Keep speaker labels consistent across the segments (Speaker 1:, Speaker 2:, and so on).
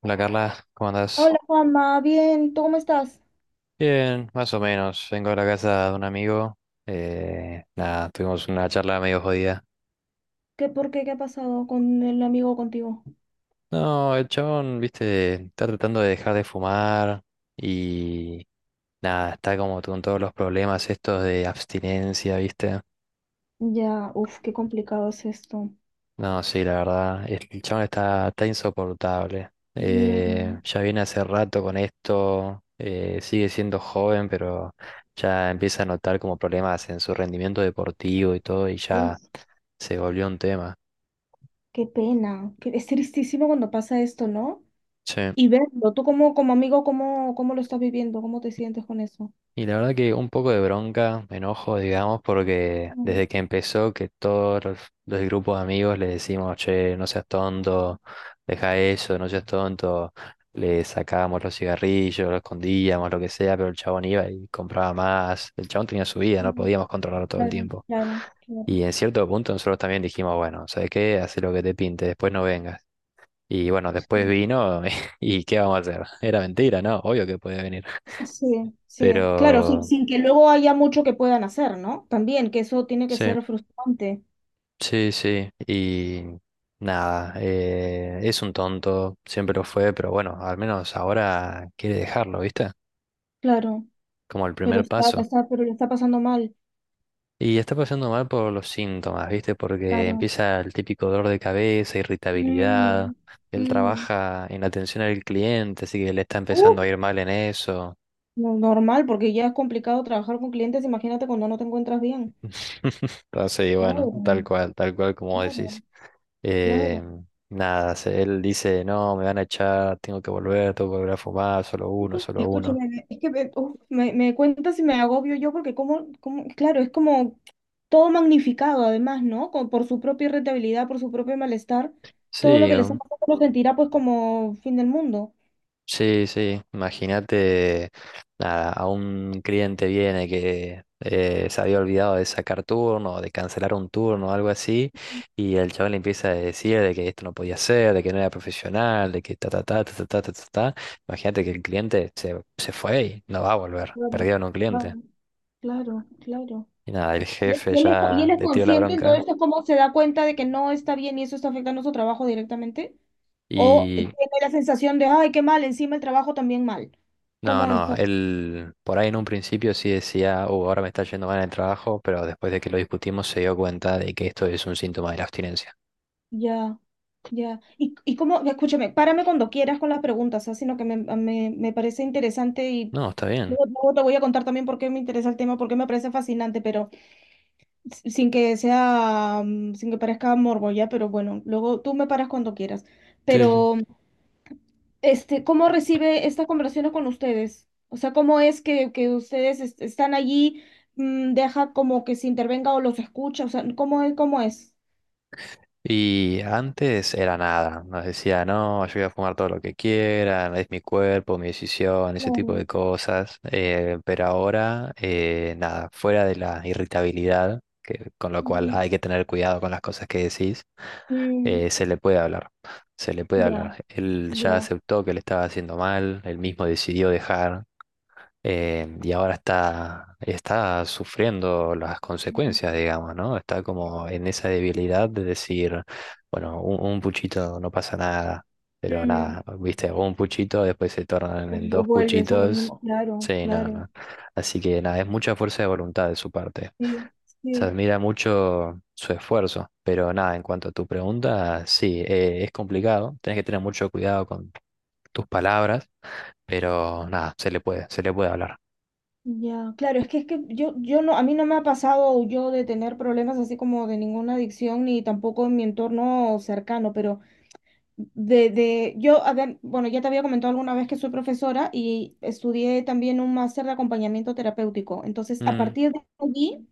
Speaker 1: Hola Carla, ¿cómo andás?
Speaker 2: Hola Juanma, bien, ¿tú cómo estás?
Speaker 1: Bien, más o menos. Vengo a la casa de un amigo. Nada, tuvimos una charla medio jodida.
Speaker 2: ¿Qué, por qué? ¿Qué ha pasado con el amigo contigo?
Speaker 1: No, el chabón, viste, está tratando de dejar de fumar y nada, está como con todos los problemas estos de abstinencia, viste.
Speaker 2: Ya, uf, qué complicado es esto.
Speaker 1: No, sí, la verdad, el chabón está, está insoportable.
Speaker 2: Mm,
Speaker 1: Ya viene hace rato con esto, sigue siendo joven, pero ya empieza a notar como problemas en su rendimiento deportivo y todo, y ya
Speaker 2: Uf,
Speaker 1: se volvió un tema.
Speaker 2: qué pena. Que es tristísimo cuando pasa esto, ¿no?
Speaker 1: Sí.
Speaker 2: Y verlo, tú como amigo, ¿cómo lo estás viviendo? ¿Cómo te sientes con eso?
Speaker 1: Y la verdad que un poco de bronca, enojo, digamos, porque
Speaker 2: Mm,
Speaker 1: desde que empezó que los grupos de amigos le decimos, che, no seas tonto, deja eso, no seas tonto, le sacábamos los cigarrillos, lo escondíamos, lo que sea, pero el chabón iba y compraba más, el chabón tenía su vida, no
Speaker 2: mm.
Speaker 1: podíamos controlarlo todo el
Speaker 2: Claro,
Speaker 1: tiempo.
Speaker 2: claro, claro.
Speaker 1: Y en cierto punto nosotros también dijimos, bueno, ¿sabes qué? Haz lo que te pinte, después no vengas. Y bueno, después vino y ¿qué vamos a hacer? Era mentira, ¿no? Obvio que podía venir.
Speaker 2: Sí,
Speaker 1: Pero
Speaker 2: sí, claro, sin que luego haya mucho que puedan hacer, ¿no? También, que eso tiene que
Speaker 1: sí,
Speaker 2: ser frustrante,
Speaker 1: sí, sí. Y nada, es un tonto, siempre lo fue, pero bueno, al menos ahora quiere dejarlo, ¿viste?
Speaker 2: claro,
Speaker 1: Como el primer paso.
Speaker 2: pero le está pasando mal,
Speaker 1: Y está pasando mal por los síntomas, ¿viste? Porque
Speaker 2: claro.
Speaker 1: empieza el típico dolor de cabeza, irritabilidad.
Speaker 2: Mm,
Speaker 1: Él
Speaker 2: mm.
Speaker 1: trabaja en atención al cliente, así que le está
Speaker 2: Uh,
Speaker 1: empezando a ir mal en eso.
Speaker 2: no, normal, porque ya es complicado trabajar con clientes, imagínate cuando no te encuentras bien.
Speaker 1: Entonces, y bueno,
Speaker 2: Oh,
Speaker 1: tal cual como
Speaker 2: claro,
Speaker 1: decís. Eh,
Speaker 2: claro.
Speaker 1: nada, se- Él dice, no, me van a echar, tengo que volver a fumar, solo uno, solo uno.
Speaker 2: Escúchame, es que me cuentas y me agobio yo porque claro, es como todo magnificado además, ¿no? Por su propia irritabilidad, por su propio malestar, todo lo
Speaker 1: Sí,
Speaker 2: que les ha pasado lo sentirá pues como fin del mundo.
Speaker 1: sí, sí, imagínate, nada, a un cliente viene que se había olvidado de sacar turno de cancelar un turno algo así, y el chaval le empieza a decir de que esto no podía ser, de que no era profesional, de que ta ta ta ta ta ta ta ta. Ta. Imagínate que se fue y no va a volver,
Speaker 2: Claro,
Speaker 1: perdieron un cliente.
Speaker 2: claro, claro, claro.
Speaker 1: Y nada, el
Speaker 2: Y
Speaker 1: jefe
Speaker 2: y él es, co- y él
Speaker 1: ya
Speaker 2: es
Speaker 1: le tiró la
Speaker 2: consciente,
Speaker 1: bronca.
Speaker 2: entonces es como se da cuenta de que no está bien y eso está afectando su trabajo directamente. O tiene la sensación de, ay, qué mal, encima el trabajo también mal.
Speaker 1: No,
Speaker 2: ¿Cómo es?
Speaker 1: no, él por ahí en un principio sí decía, oh, ahora me está yendo mal en el trabajo, pero después de que lo discutimos se dio cuenta de que esto es un síntoma de la abstinencia.
Speaker 2: Ya, ya. Y cómo, escúchame, párame cuando quieras con las preguntas, así sino que me parece interesante y
Speaker 1: No, está bien.
Speaker 2: luego te voy a contar también por qué me interesa el tema, por qué me parece fascinante, pero sin que sea, sin que parezca morbo, ya, pero bueno, luego tú me paras cuando quieras.
Speaker 1: Sí, sí.
Speaker 2: Pero. Este, ¿cómo recibe esta conversación con ustedes? O sea, ¿cómo es que ustedes están allí, deja como que se intervenga o los escucha? O sea, ¿cómo es?
Speaker 1: Y antes era nada, nos decía, no, yo voy a fumar todo lo que quieran, es mi cuerpo, mi decisión, ese tipo
Speaker 2: Claro.
Speaker 1: de cosas. Pero ahora, nada, fuera de la irritabilidad, que, con lo cual
Speaker 2: Ujú.
Speaker 1: hay que tener cuidado con las cosas que decís,
Speaker 2: Mm,
Speaker 1: se le puede hablar, se le puede
Speaker 2: ya,
Speaker 1: hablar. Él ya
Speaker 2: ya.
Speaker 1: aceptó que le estaba haciendo mal, él mismo decidió dejar, y ahora está, está sufriendo las
Speaker 2: Ujú.
Speaker 1: consecuencias, digamos, ¿no? Está como en esa debilidad de decir, bueno, un puchito no pasa nada, pero
Speaker 2: Mm,
Speaker 1: nada, viste, un puchito después se tornan
Speaker 2: O-
Speaker 1: en
Speaker 2: o
Speaker 1: dos
Speaker 2: vuelves a lo
Speaker 1: puchitos.
Speaker 2: mismo. Claro,
Speaker 1: Sí, no,
Speaker 2: claro.
Speaker 1: no. Así que nada, es mucha fuerza de voluntad de su parte.
Speaker 2: Sí,
Speaker 1: Se
Speaker 2: sí.
Speaker 1: admira mucho su esfuerzo, pero nada, en cuanto a tu pregunta, sí, es complicado, tenés que tener mucho cuidado con tus palabras, pero nada, se le puede hablar.
Speaker 2: Ya, claro, es que yo no, a mí no me ha pasado yo de tener problemas así como de ninguna adicción, ni tampoco en mi entorno cercano, pero yo, a ver, bueno, ya te había comentado alguna vez que soy profesora y estudié también un máster de acompañamiento terapéutico. Entonces, a
Speaker 1: Mm,
Speaker 2: partir de allí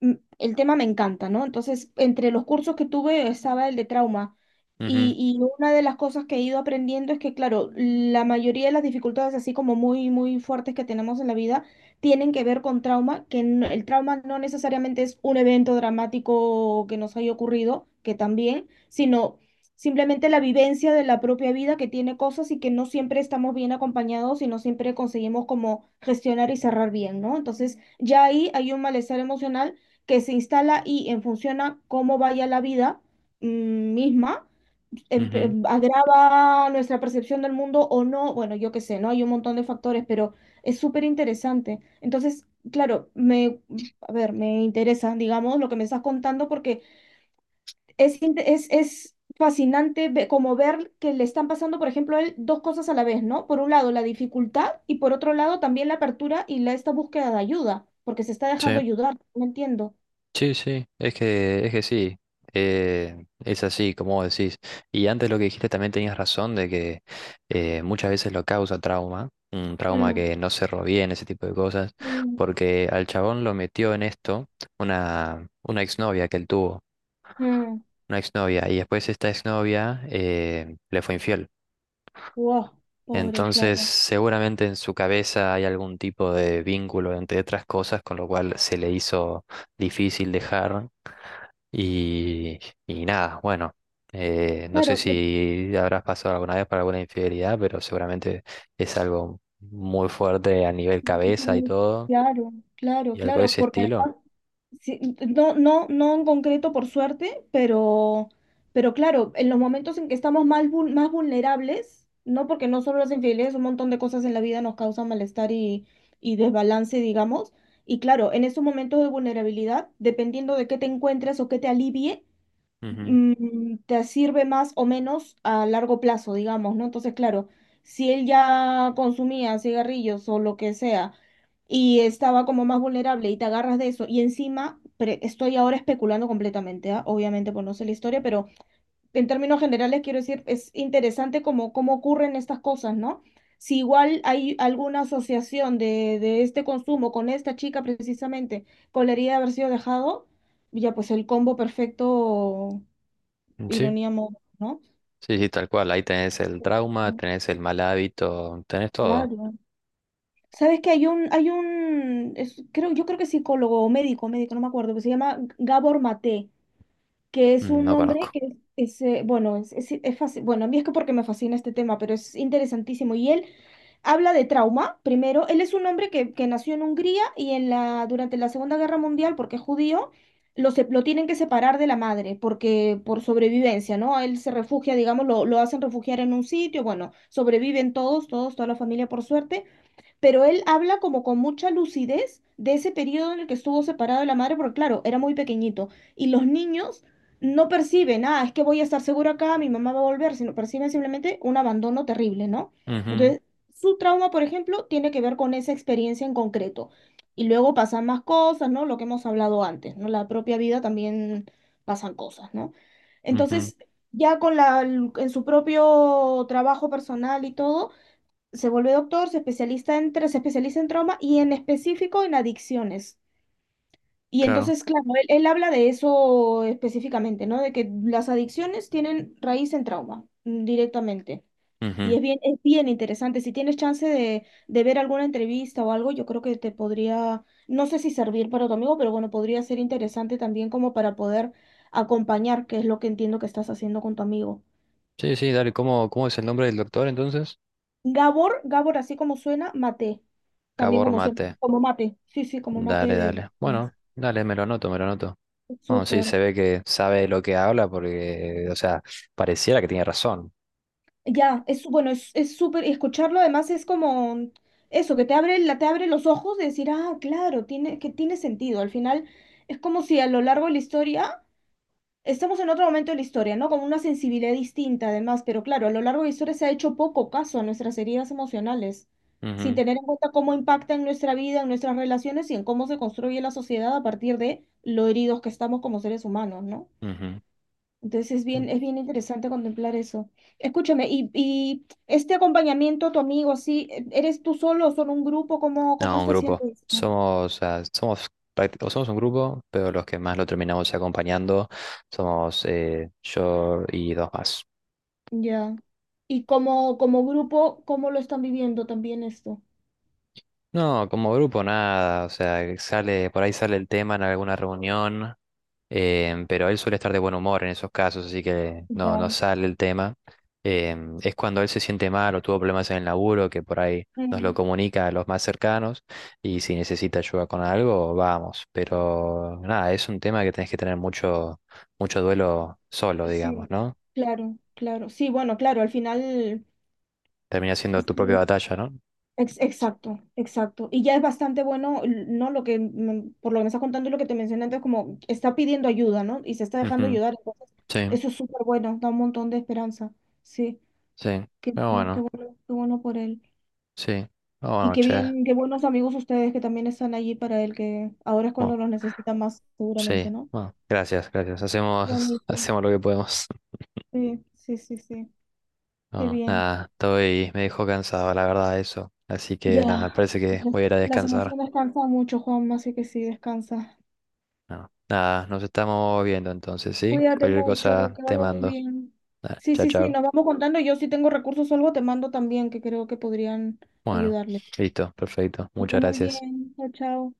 Speaker 2: mm, el tema me encanta, ¿no? Entonces, entre los cursos que tuve estaba el de trauma.
Speaker 1: ujú,
Speaker 2: Y una de las cosas que he ido aprendiendo es que, claro, la mayoría de las dificultades, así como muy, muy fuertes que tenemos en la vida, tienen que ver con trauma, que no- el trauma no necesariamente es un evento dramático que nos haya ocurrido, que también, sino simplemente la vivencia de la propia vida que tiene cosas y que no siempre estamos bien acompañados y no siempre conseguimos como gestionar y cerrar bien, ¿no? Entonces, ya ahí hay un malestar emocional que se instala y en función a cómo vaya la vida misma,
Speaker 1: ujú.
Speaker 2: agrava nuestra percepción del mundo o no, bueno, yo qué sé, ¿no? Hay un montón de factores, pero es súper interesante. Entonces, claro, a ver, me interesa, digamos, lo que me estás contando porque es fascinante como ver que le están pasando, por ejemplo, a él dos cosas a la vez, ¿no? Por un lado, la dificultad y por otro lado, también la apertura y esta búsqueda de ayuda, porque se está
Speaker 1: Sí,
Speaker 2: dejando ayudar, no entiendo.
Speaker 1: sí, sí, es que sí, es así, como vos decís. Y antes lo que dijiste también tenías razón de que muchas veces lo causa trauma, un trauma que no cerró bien, ese tipo de cosas,
Speaker 2: Mm,
Speaker 1: porque al chabón lo metió en esto una exnovia que él tuvo,
Speaker 2: mm.
Speaker 1: una exnovia, y después esta exnovia le fue infiel.
Speaker 2: Wow, pobre,
Speaker 1: Entonces,
Speaker 2: claro.
Speaker 1: seguramente en su cabeza hay algún tipo de vínculo, entre otras cosas, con lo cual se le hizo difícil dejar. Y, y nada, bueno, no sé
Speaker 2: Claro,
Speaker 1: si habrás pasado alguna vez por alguna infidelidad, pero seguramente es algo muy fuerte a nivel
Speaker 2: tiene que ser
Speaker 1: cabeza y todo,
Speaker 2: claro, claro,
Speaker 1: y algo de
Speaker 2: claro,
Speaker 1: ese
Speaker 2: porque
Speaker 1: estilo.
Speaker 2: sí, no, no, no en concreto por suerte, pero claro, en los momentos en que estamos más vulnerables, no porque no solo las infidelidades, un montón de cosas en la vida nos causan malestar y desbalance, digamos, y claro, en esos momentos de vulnerabilidad, dependiendo de qué te encuentres o qué te alivie,
Speaker 1: Ujú.
Speaker 2: te sirve más o menos a largo plazo, digamos, ¿no? Entonces, claro, si él ya consumía cigarrillos o lo que sea y estaba como más vulnerable y te agarras de eso y encima, estoy ahora especulando completamente, ¿ah? Obviamente, pues no sé la historia, pero en términos generales quiero decir, es interesante como cómo ocurren estas cosas, ¿no? Si igual hay alguna asociación de este consumo con esta chica precisamente, con la herida de haber sido dejado, ya pues el combo perfecto
Speaker 1: Sí,
Speaker 2: ironía móvil, ¿no?
Speaker 1: sí, sí, tal cual. Ahí tenés el trauma, tenés el mal hábito, tenés todo.
Speaker 2: Claro. ¿Sabes que creo, yo creo que es psicólogo o médico, no me acuerdo, que se llama Gabor Maté, que es
Speaker 1: Mm,
Speaker 2: un
Speaker 1: no
Speaker 2: hombre
Speaker 1: conozco.
Speaker 2: que es fácil, bueno, a mí es que porque me fascina este tema, pero es interesantísimo. Y él habla de trauma, primero, él es un hombre que nació en Hungría y en durante la Segunda Guerra Mundial, porque es judío, lo tienen que separar de la madre, porque por sobrevivencia, ¿no? Él se refugia, digamos, lo hacen refugiar en un sitio, bueno, sobreviven toda la familia por suerte, pero él habla como con mucha lucidez de ese periodo en el que estuvo separado de la madre, porque claro, era muy pequeñito. Y los niños no perciben, ah, es que voy a estar seguro acá, mi mamá va a volver, sino perciben simplemente un abandono terrible, ¿no?
Speaker 1: Ujú,
Speaker 2: Entonces, su trauma, por ejemplo, tiene que ver con esa experiencia en concreto. Y luego pasan más cosas, ¿no? Lo que hemos hablado antes, ¿no? La propia vida también pasan cosas, ¿no?
Speaker 1: ujú,
Speaker 2: Entonces, ya con en su propio trabajo personal y todo, se vuelve doctor, se especializa en, se especializa en trauma y en específico en adicciones. Y
Speaker 1: claro.
Speaker 2: entonces, claro, él habla de eso específicamente, ¿no? De que las adicciones tienen raíz en trauma, directamente. Y
Speaker 1: Ujú.
Speaker 2: es bien interesante. Si tienes chance de ver alguna entrevista o algo, yo creo que te podría, no sé si servir para tu amigo, pero bueno, podría ser interesante también como para poder acompañar, que es lo que entiendo que estás haciendo con tu amigo.
Speaker 1: Sí, sí, dale. ¿Cómo, cómo es el nombre del doctor entonces?
Speaker 2: Gabor, Gabor, así como suena, mate. También
Speaker 1: Cabor
Speaker 2: como suena,
Speaker 1: Mate.
Speaker 2: como mate. Sí, sí, como mate
Speaker 1: Dale,
Speaker 2: de...
Speaker 1: dale. Bueno, dale, me lo anoto, me lo anoto. No, sí,
Speaker 2: Súper.
Speaker 1: se ve que sabe de lo que habla porque, o sea, pareciera que tiene razón.
Speaker 2: Ya, es bueno, es súper, y escucharlo además es como eso, que te abre, te abre los ojos de decir, ah, claro, que tiene sentido. Al final es como si a lo largo de la historia estamos en otro momento de la historia, ¿no? Con una sensibilidad distinta, además, pero claro, a lo largo de la historia se ha hecho poco caso a nuestras heridas emocionales, sin
Speaker 1: Ujú,
Speaker 2: tener en cuenta cómo impacta en nuestra vida, en nuestras relaciones y en cómo se construye la sociedad a partir de lo heridos que estamos como seres humanos, ¿no? Entonces
Speaker 1: ujú.
Speaker 2: es bien interesante contemplar eso. Escúchame, y este acompañamiento, a tu amigo, así, ¿eres tú solo o son un grupo? ¿Cómo
Speaker 1: No, un
Speaker 2: está
Speaker 1: grupo.
Speaker 2: haciendo esto?
Speaker 1: Somos, o sea, somos, prácti- o somos un grupo, pero los que más lo terminamos acompañando somos yo y dos más.
Speaker 2: Ya. Y como grupo, ¿cómo lo están viviendo también esto?
Speaker 1: No, como grupo nada, o sea, que sale, por ahí sale el tema en alguna reunión, pero él suele estar de buen humor en esos casos, así que no, no
Speaker 2: Ya.
Speaker 1: sale el tema. Es cuando él se siente mal o tuvo problemas en el laburo, que por ahí nos lo
Speaker 2: Mm,
Speaker 1: comunica a los más cercanos, y si necesita ayuda con algo, vamos. Pero nada, es un tema que tenés que tener mucho, mucho duelo solo, digamos,
Speaker 2: Sí,
Speaker 1: ¿no?
Speaker 2: claro, claro. Sí, bueno, claro, al final,
Speaker 1: Termina siendo tu propia
Speaker 2: sí,
Speaker 1: batalla, ¿no?
Speaker 2: exacto, exacto. Y ya es bastante bueno, ¿no? Lo que, por lo que me estás contando y lo que te mencioné antes, como está pidiendo ayuda, ¿no? Y se está dejando
Speaker 1: Ujú,
Speaker 2: ayudar, entonces,
Speaker 1: sí,
Speaker 2: eso es súper bueno, da un montón de esperanza. Sí,
Speaker 1: sí.
Speaker 2: qué
Speaker 1: Pero
Speaker 2: bueno, qué
Speaker 1: bueno,
Speaker 2: bueno, qué bueno por él.
Speaker 1: sí. Pero
Speaker 2: Y
Speaker 1: bueno,
Speaker 2: qué
Speaker 1: che.
Speaker 2: bien, qué buenos amigos ustedes que también están allí para él, que ahora es cuando
Speaker 1: Bueno.
Speaker 2: los necesita más,
Speaker 1: Sí,
Speaker 2: seguramente, ¿no?
Speaker 1: bueno, gracias, gracias. Hacemos,
Speaker 2: Bonito.
Speaker 1: hacemos lo que podemos.
Speaker 2: Sí, sí, sí, sí. Qué
Speaker 1: No,
Speaker 2: bien.
Speaker 1: nada, estoy, me dejó cansado, la verdad, eso. Así que nada, me
Speaker 2: Ya,
Speaker 1: parece que
Speaker 2: las
Speaker 1: voy a ir a
Speaker 2: las
Speaker 1: descansar.
Speaker 2: emociones cansan mucho, Juanma, así que sí, descansa.
Speaker 1: No, nada, nos estamos viendo entonces, ¿sí?
Speaker 2: Cuídate
Speaker 1: Cualquier
Speaker 2: mucho,
Speaker 1: cosa
Speaker 2: que
Speaker 1: te
Speaker 2: vaya muy
Speaker 1: mando.
Speaker 2: bien.
Speaker 1: Nada,
Speaker 2: Sí,
Speaker 1: chao,
Speaker 2: sí, sí,
Speaker 1: chao.
Speaker 2: nos vamos contando. Yo si tengo recursos o algo, te mando también, que creo que podrían
Speaker 1: Bueno,
Speaker 2: ayudarle.
Speaker 1: listo, perfecto.
Speaker 2: Que esté
Speaker 1: Muchas
Speaker 2: muy
Speaker 1: gracias.
Speaker 2: bien. Chao, chao.